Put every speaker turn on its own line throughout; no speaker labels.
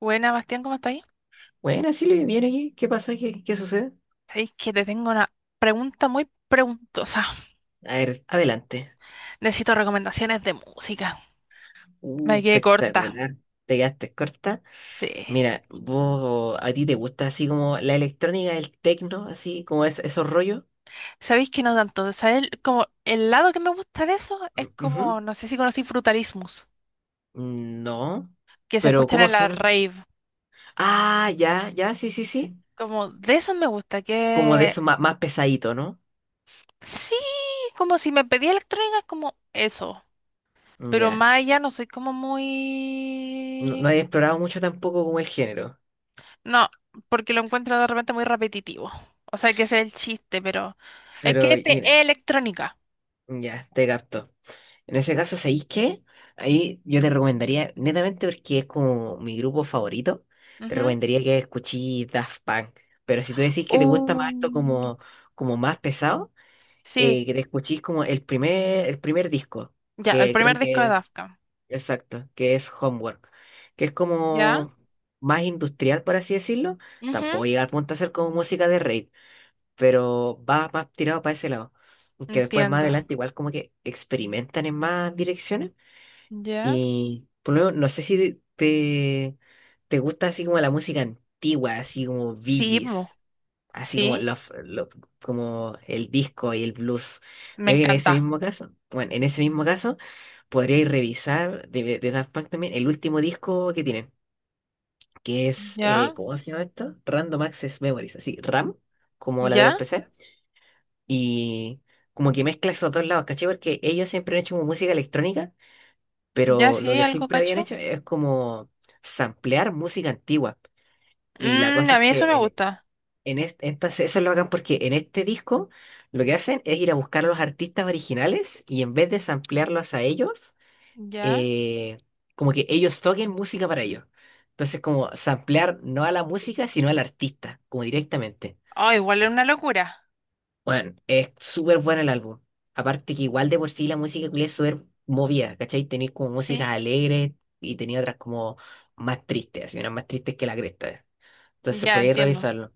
Buena, Bastián, ¿cómo estáis?
Bueno, así lo viene aquí. ¿Qué pasa? ¿Qué sucede?
Sabéis que te tengo una pregunta muy preguntosa.
A ver, adelante.
Necesito recomendaciones de música. Me quedé corta.
Espectacular. Te quedaste corta.
Sí.
Mira, vos, ¿a ti te gusta así como la electrónica, el tecno, así como es, esos rollos?
Sabéis que no tanto. ¿Sabéis? Como el lado que me gusta de eso es
Mm, ujú.
como, no sé si conocí Frutalismus,
Mm, no.
que se
Pero
escuchan
¿cómo
en la
suenan?
rave.
Ah, ya, ya, sí, sí, sí.
Como de eso me gusta,
Como de
que
eso más, más pesadito, ¿no?
sí, como si me pedía electrónica, es como eso.
Mm,
Pero
ya.
más allá no soy como
No,
muy.
no he explorado mucho tampoco como el género.
No, porque lo encuentro de repente muy repetitivo. O sea, que ese es el chiste, pero es
Pero
que este
mira,
es electrónica.
ya, te capto. En ese caso, ¿sabéis qué? Ahí yo te recomendaría, netamente porque es como mi grupo favorito, te
Ujú.
recomendaría que escuchís Daft Punk. Pero si tú decís que te gusta
Uh,
más esto como más pesado,
Sí,
que te escuchís como el primer disco,
ya, el
que creo
primer disco
que
de
es,
Daft Punk.
exacto, que es Homework, que es
Ya.
como más industrial, por así decirlo.
Ujú.
Tampoco llega al punto de ser como música de rave, pero va más tirado para ese lado. Que después más
Entiendo.
adelante igual como que experimentan en más direcciones.
¿Ya?
Y por lo menos, no sé si te gusta así como la música antigua, así como Bee
Sí, mo.
Gees, así como,
Sí,
como el disco y el blues.
me
Creo que en ese
encanta.
mismo caso, bueno, en ese mismo caso, podríais revisar de Daft Punk también el último disco que tienen, que es,
¿Ya?
¿cómo se llama esto? Random Access Memories, así, RAM, como la de los
¿Ya?
PC. Y como que mezcla esos dos lados, ¿cachai? Porque ellos siempre han hecho como música electrónica
¿Ya
pero lo
sí?
que
¿Algo
siempre habían
cacho?
hecho es como samplear música antigua. Y la cosa
A
es
mí eso me
que en,
gusta.
en es- estas, eso lo hagan porque en este disco lo que hacen es ir a buscar a los artistas originales y en vez de samplearlos a ellos,
¿Ya?
eh, como que ellos toquen música para ellos. Entonces, como samplear no a la música, sino al artista, como directamente.
Oh, igual es una locura.
Bueno, es súper bueno el álbum. Aparte que igual de por sí la música culia es súper movida, ¿cachai? Tenía como
Sí,
músicas alegres y tenía otras como más tristes, así unas más tristes que la cresta. Entonces
ya
podría
entiendo.
revisarlo.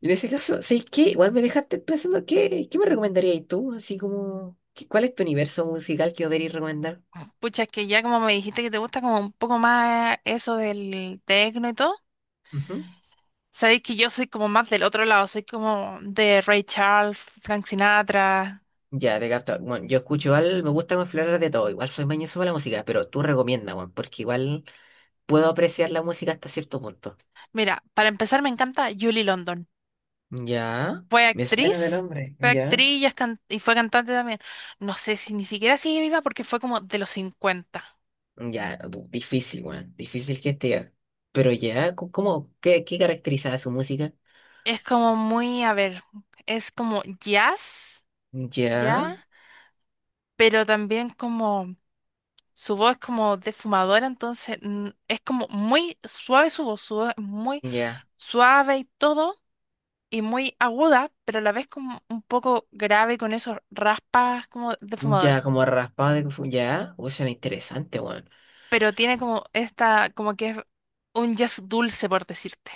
Y en ese caso, ¿sabes qué? Igual me dejaste pensando, ¿qué me recomendarías tú? Así como, ¿cuál es tu universo musical que deberías recomendar?
Pucha, es que ya como me dijiste que te gusta como un poco más eso del tecno y todo.
Ujú.
Sabéis que yo soy como más del otro lado, soy como de Ray Charles, Frank Sinatra.
Ya, te capto. Bueno, yo escucho igual, me gusta explorar de todo. Igual soy mañoso para la música, pero tú recomienda, bueno, porque igual puedo apreciar la música hasta cierto punto.
Mira, para empezar me encanta Julie London.
Ya,
Fue
me suena de
actriz,
nombre,
fue
ya.
actriz y, y fue cantante también. No sé si ni siquiera sigue viva porque fue como de los 50.
Ya, difícil, weón, difícil que esté. Pero ya, ¿cómo? ¿Qué caracterizaba su música?
Es como muy, a ver, es como jazz,
Ya,
¿ya? Pero también como su voz es como defumadora, entonces es como muy suave su voz es muy
ya,
suave y todo y muy aguda, pero a la vez como un poco grave con esos raspas como de
ya,
fumador.
como raspado ya, uy, suena interesante, weón.
Pero tiene como esta, como que es un jazz dulce, por decirte.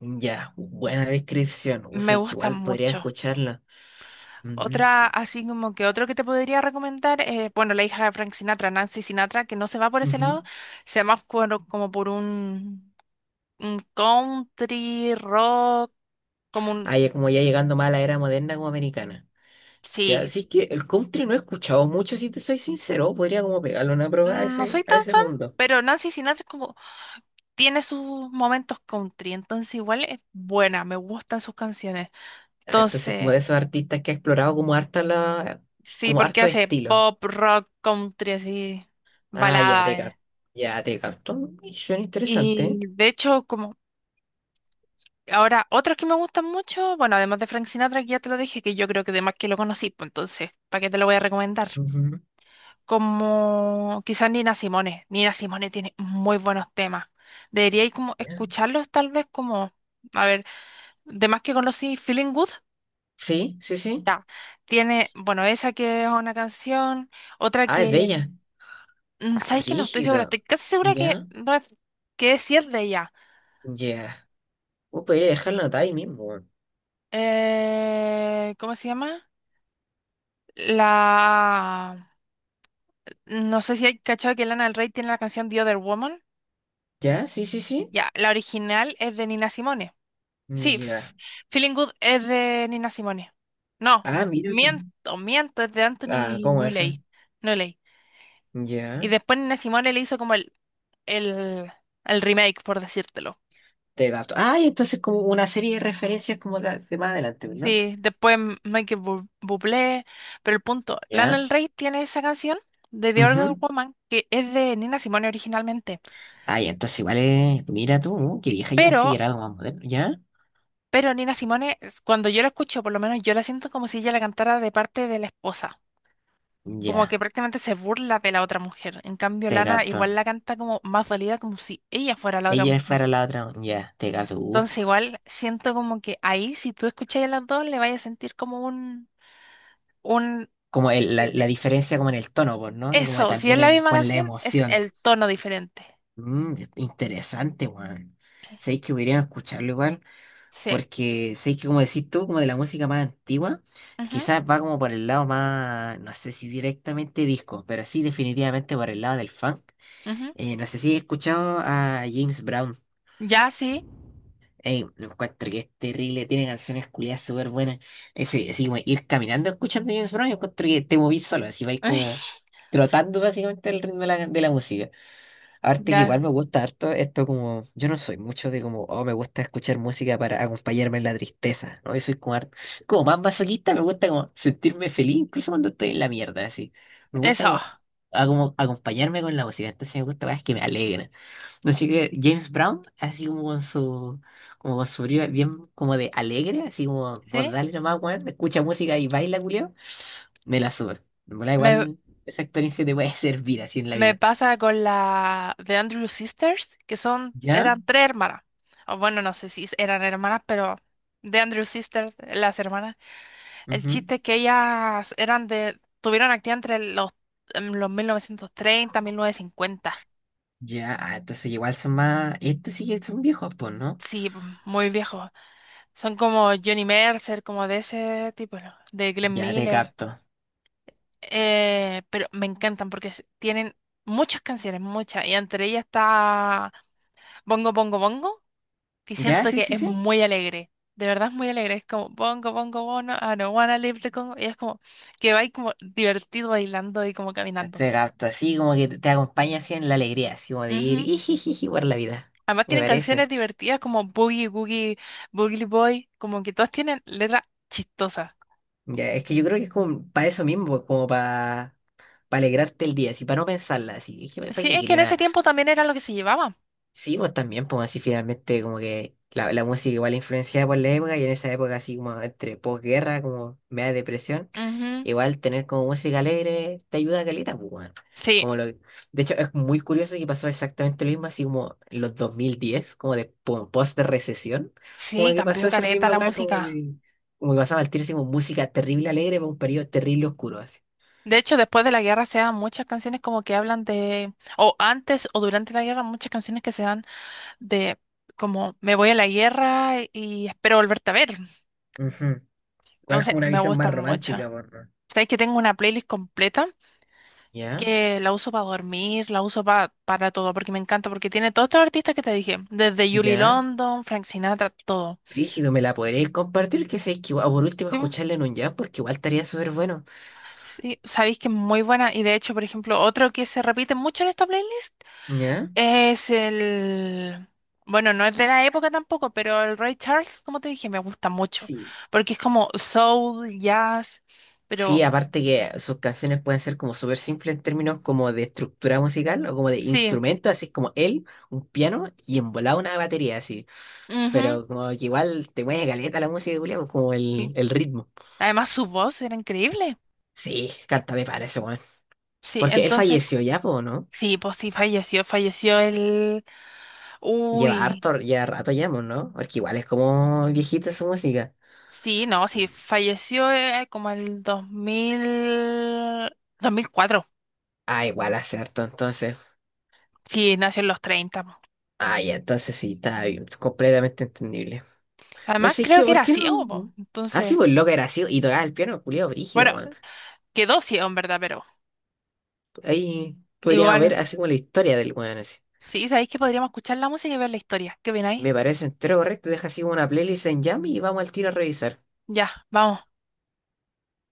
Ya, buena descripción, o
Me
sea, que
gusta
igual podría
mucho.
escucharla. Ujú,
Otra, así como que otro que te podría recomendar, bueno, la hija de Frank Sinatra, Nancy Sinatra, que no se va por ese
ujú.
lado, se va más como por un country rock, como un,
Ah, ya como ya llegando más a la era moderna como americana. Ya,
sí,
así que el country no he escuchado mucho, si te soy sincero, podría como pegarle una prueba a
No soy
ese, a
tan
ese
fan,
mundo.
pero Nancy Sinatra es como tiene sus momentos country, entonces igual es buena, me gustan sus canciones.
Ah, entonces, como
Entonces,
de esos artistas que ha explorado como
sí,
como
porque
harto
hace
estilos.
pop, rock, country, así,
Ah, ya,
balada.
te
eh.
capto. Ya, te capto. Mm, suena interesante,
Y
¿eh?
de hecho, como ahora, otros que me gustan mucho, bueno, además de Frank Sinatra, que ya te lo dije, que yo creo que además que lo conocí, pues entonces, ¿para qué te lo voy a recomendar?
Ujú.
Como quizás Nina Simone. Nina Simone tiene muy buenos temas. Deberíais como
Ya.
escucharlos tal vez como... A ver, de más que conocí Feeling Good.
Sí, sí, sí.
Ya. Tiene, bueno, esa que es una canción, otra
Ah, es de
que,
ella.
¿sabes que no estoy segura, estoy
Brígido.
casi segura que,
Ya,
no es- que es, sí es de ella.
ya. Podría dejarlo anotado ahí mismo. Weón.
¿Cómo se llama? La... No sé si hay cachado que Lana del Rey tiene la canción The Other Woman.
Ya, sí, sí, sí.
Ya, la original es de Nina Simone.
Mm,
Sí,
ya.
Feeling Good es de Nina Simone. No,
Ah, mira tú.
miento, miento, es de
Ah,
Anthony
¿cómo eso?
Nolley. Nolley. Y
Ya.
después Nina Simone le hizo como el el, el remake, por decírtelo.
Te capto. Ah, y entonces como una serie de referencias como de más adelante, ¿no?
Sí, después Michael Bublé, pero el punto, Lana
Ya.
del Rey tiene esa canción de The Organ
Ujú.
Woman que es de Nina Simone originalmente,
Ah, ya, entonces igual es. Mira tú, qué vieja, yo pensé que
pero,
era algo más moderno. ¿Ya?
pero Nina Simone, cuando yo la escucho, por lo menos yo la siento como si ella la cantara de parte de la esposa, como que
Ya,
prácticamente se burla de la otra mujer. En cambio,
te
Lana
capto.
igual la canta como más dolida, como si ella fuera la otra
Ella es
mujer.
para la otra. Ya, te capto.
Entonces igual siento como que ahí, si tú escuchas a las dos, le vayas a sentir como un, un
Como la diferencia como en el tono, pues, ¿no? Y como
Eso, si es
también
la misma
con la
canción, es
emoción.
el tono diferente.
Interesante, weón. Sabéis que podrían escucharlo igual,
Sí.
porque sabéis que como decís tú, como de la música más antigua,
Ujú,
quizás va como por el lado más, no sé si directamente disco, pero sí definitivamente por el lado del funk.
ujú.
No sé si he escuchado a James Brown.
Ya, sí.
Ey, lo encuentro que es terrible, tiene canciones culiadas súper buenas. Ese, así como ir caminando escuchando James Brown, yo encuentro que te movís solo, así vais como trotando básicamente el ritmo de la música. Arte que igual
Ya.
me gusta harto, esto como, yo no soy mucho de como, oh, me gusta escuchar música para acompañarme en la tristeza, ¿no? Yo soy como, como más masoquista, me gusta como sentirme feliz, incluso cuando estoy en la mierda, así. Me gusta
Eso.
como, como acompañarme con la música, entonces me gusta cosas que me alegran. Así que James Brown, así como con su brío bien como de alegre, así como vos
¿Sí?
dale nomás, weón, escucha música y baila, culiao, me la sube. Me da
Me,
igual, esa experiencia te puede servir así en la
me
vida.
pasa con la de Andrew Sisters, que son,
¿Ya?
eran tres hermanas. O bueno, no sé si eran hermanas, pero de Andrew Sisters, las hermanas. El
Ujú.
chiste es que ellas eran de, tuvieron actividad entre los 1930, 1950.
Ya, ah, entonces igual son más. Estos sí que son viejos, pues, ¿no?
Sí, muy viejo. Son como Johnny Mercer, como de ese tipo, ¿no? De Glenn
Ya te
Miller.
capto.
Pero me encantan porque tienen muchas canciones, muchas. Y entre ellas está Bongo Bongo Bongo, que
Ya,
siento
sí,
que
sí,
es
sí.
muy alegre. De verdad es muy alegre. Es como Bongo Bongo Bongo, I don't wanna leave the Congo. Y es como que va ahí como divertido bailando y como caminando.
Te capto, así como que te acompaña así en la alegría, así como de ir
Ujú.
y por la vida.
Además
Me
tienen canciones
parece.
divertidas como Boogie Boogie, Boogie Boy, como que todas tienen letras chistosas.
Ya, es que yo creo que es como para eso mismo, como para alegrarte el día, así para no pensarla, así. Es que para
Sí,
qué
es que
quería
en ese
nada.
tiempo también era lo que se llevaba.
Sí, vos también, pues así finalmente, como que la música igual influenciada por la época y en esa época, así como entre posguerra, como media depresión.
Ujú,
Igual tener como música alegre te ayuda a caleta, pues, weón.
sí,
De hecho, es muy curioso que pasó exactamente lo mismo, así como en los 2010 como de pum, post de recesión, como
sí,
que pasó
cambió
esa
caleta
misma
la
weá,
música.
como que pasaba el tiro así como música terrible alegre para un periodo terrible oscuro, así.
De hecho, después de la guerra se dan muchas canciones como que hablan de, o antes o durante la guerra, muchas canciones que se dan de como me voy a la guerra y espero volverte a ver.
Ujú. Igual
Entonces,
como una
me
visión más
gustan mucho.
romántica, por
Sabes que tengo una playlist completa
ya,
que la uso para dormir, la uso para todo, porque me encanta, porque tiene todos estos artistas que te dije, desde Julie
ya.
London, Frank Sinatra, todo.
Rígido, ¿me la podréis compartir? Que sé que o por último
Sí, po.
escucharla en un jam, porque igual estaría súper bueno.
Sí, sabéis que es muy buena y de hecho, por ejemplo, otro que se repite mucho en esta playlist.
¿Ya?
Es el... Bueno, no es de la época tampoco, pero el Ray Charles, como te dije, me gusta mucho.
Sí.
Porque es como soul, jazz,
Sí,
pero
aparte que sus canciones pueden ser como súper simples en términos como de estructura musical o como de
sí.
instrumento, así es como él, un piano y en volada una batería, así.
Ujú,
Pero como que igual te mueve caleta la música, Julián, como el,
sí.
el ritmo.
Además, su voz era increíble.
Sí, canta me parece, weón.
Sí,
Porque él
entonces,
falleció ya, po, ¿no?
sí, pues sí, falleció, falleció el...
Lleva
Uy,
harto, ya rato ya, po, ¿no? Porque igual es como viejita su música.
sí, no, sí, falleció como el 2004.
Ah, igual hace harto, entonces.
Sí, nació en los 30 po.
Ah, ya, entonces sí, está bien, completamente entendible.
Además,
Así
creo
que,
que
¿por
era
qué no?
ciego, po.
Mm. Ah, sí,
Entonces,
pues loca era así, y tocaba el piano, culiado brígido,
bueno,
weón.
quedó ciego en verdad, pero...
Ahí podríamos ver
Igual.
así como la historia del weón, así.
Sí, sabéis que podríamos escuchar la música y ver la historia. ¿Qué opináis?
Me parece entero correcto, deja así como una playlist en Jam y vamos al tiro a revisar.
Ya, vamos.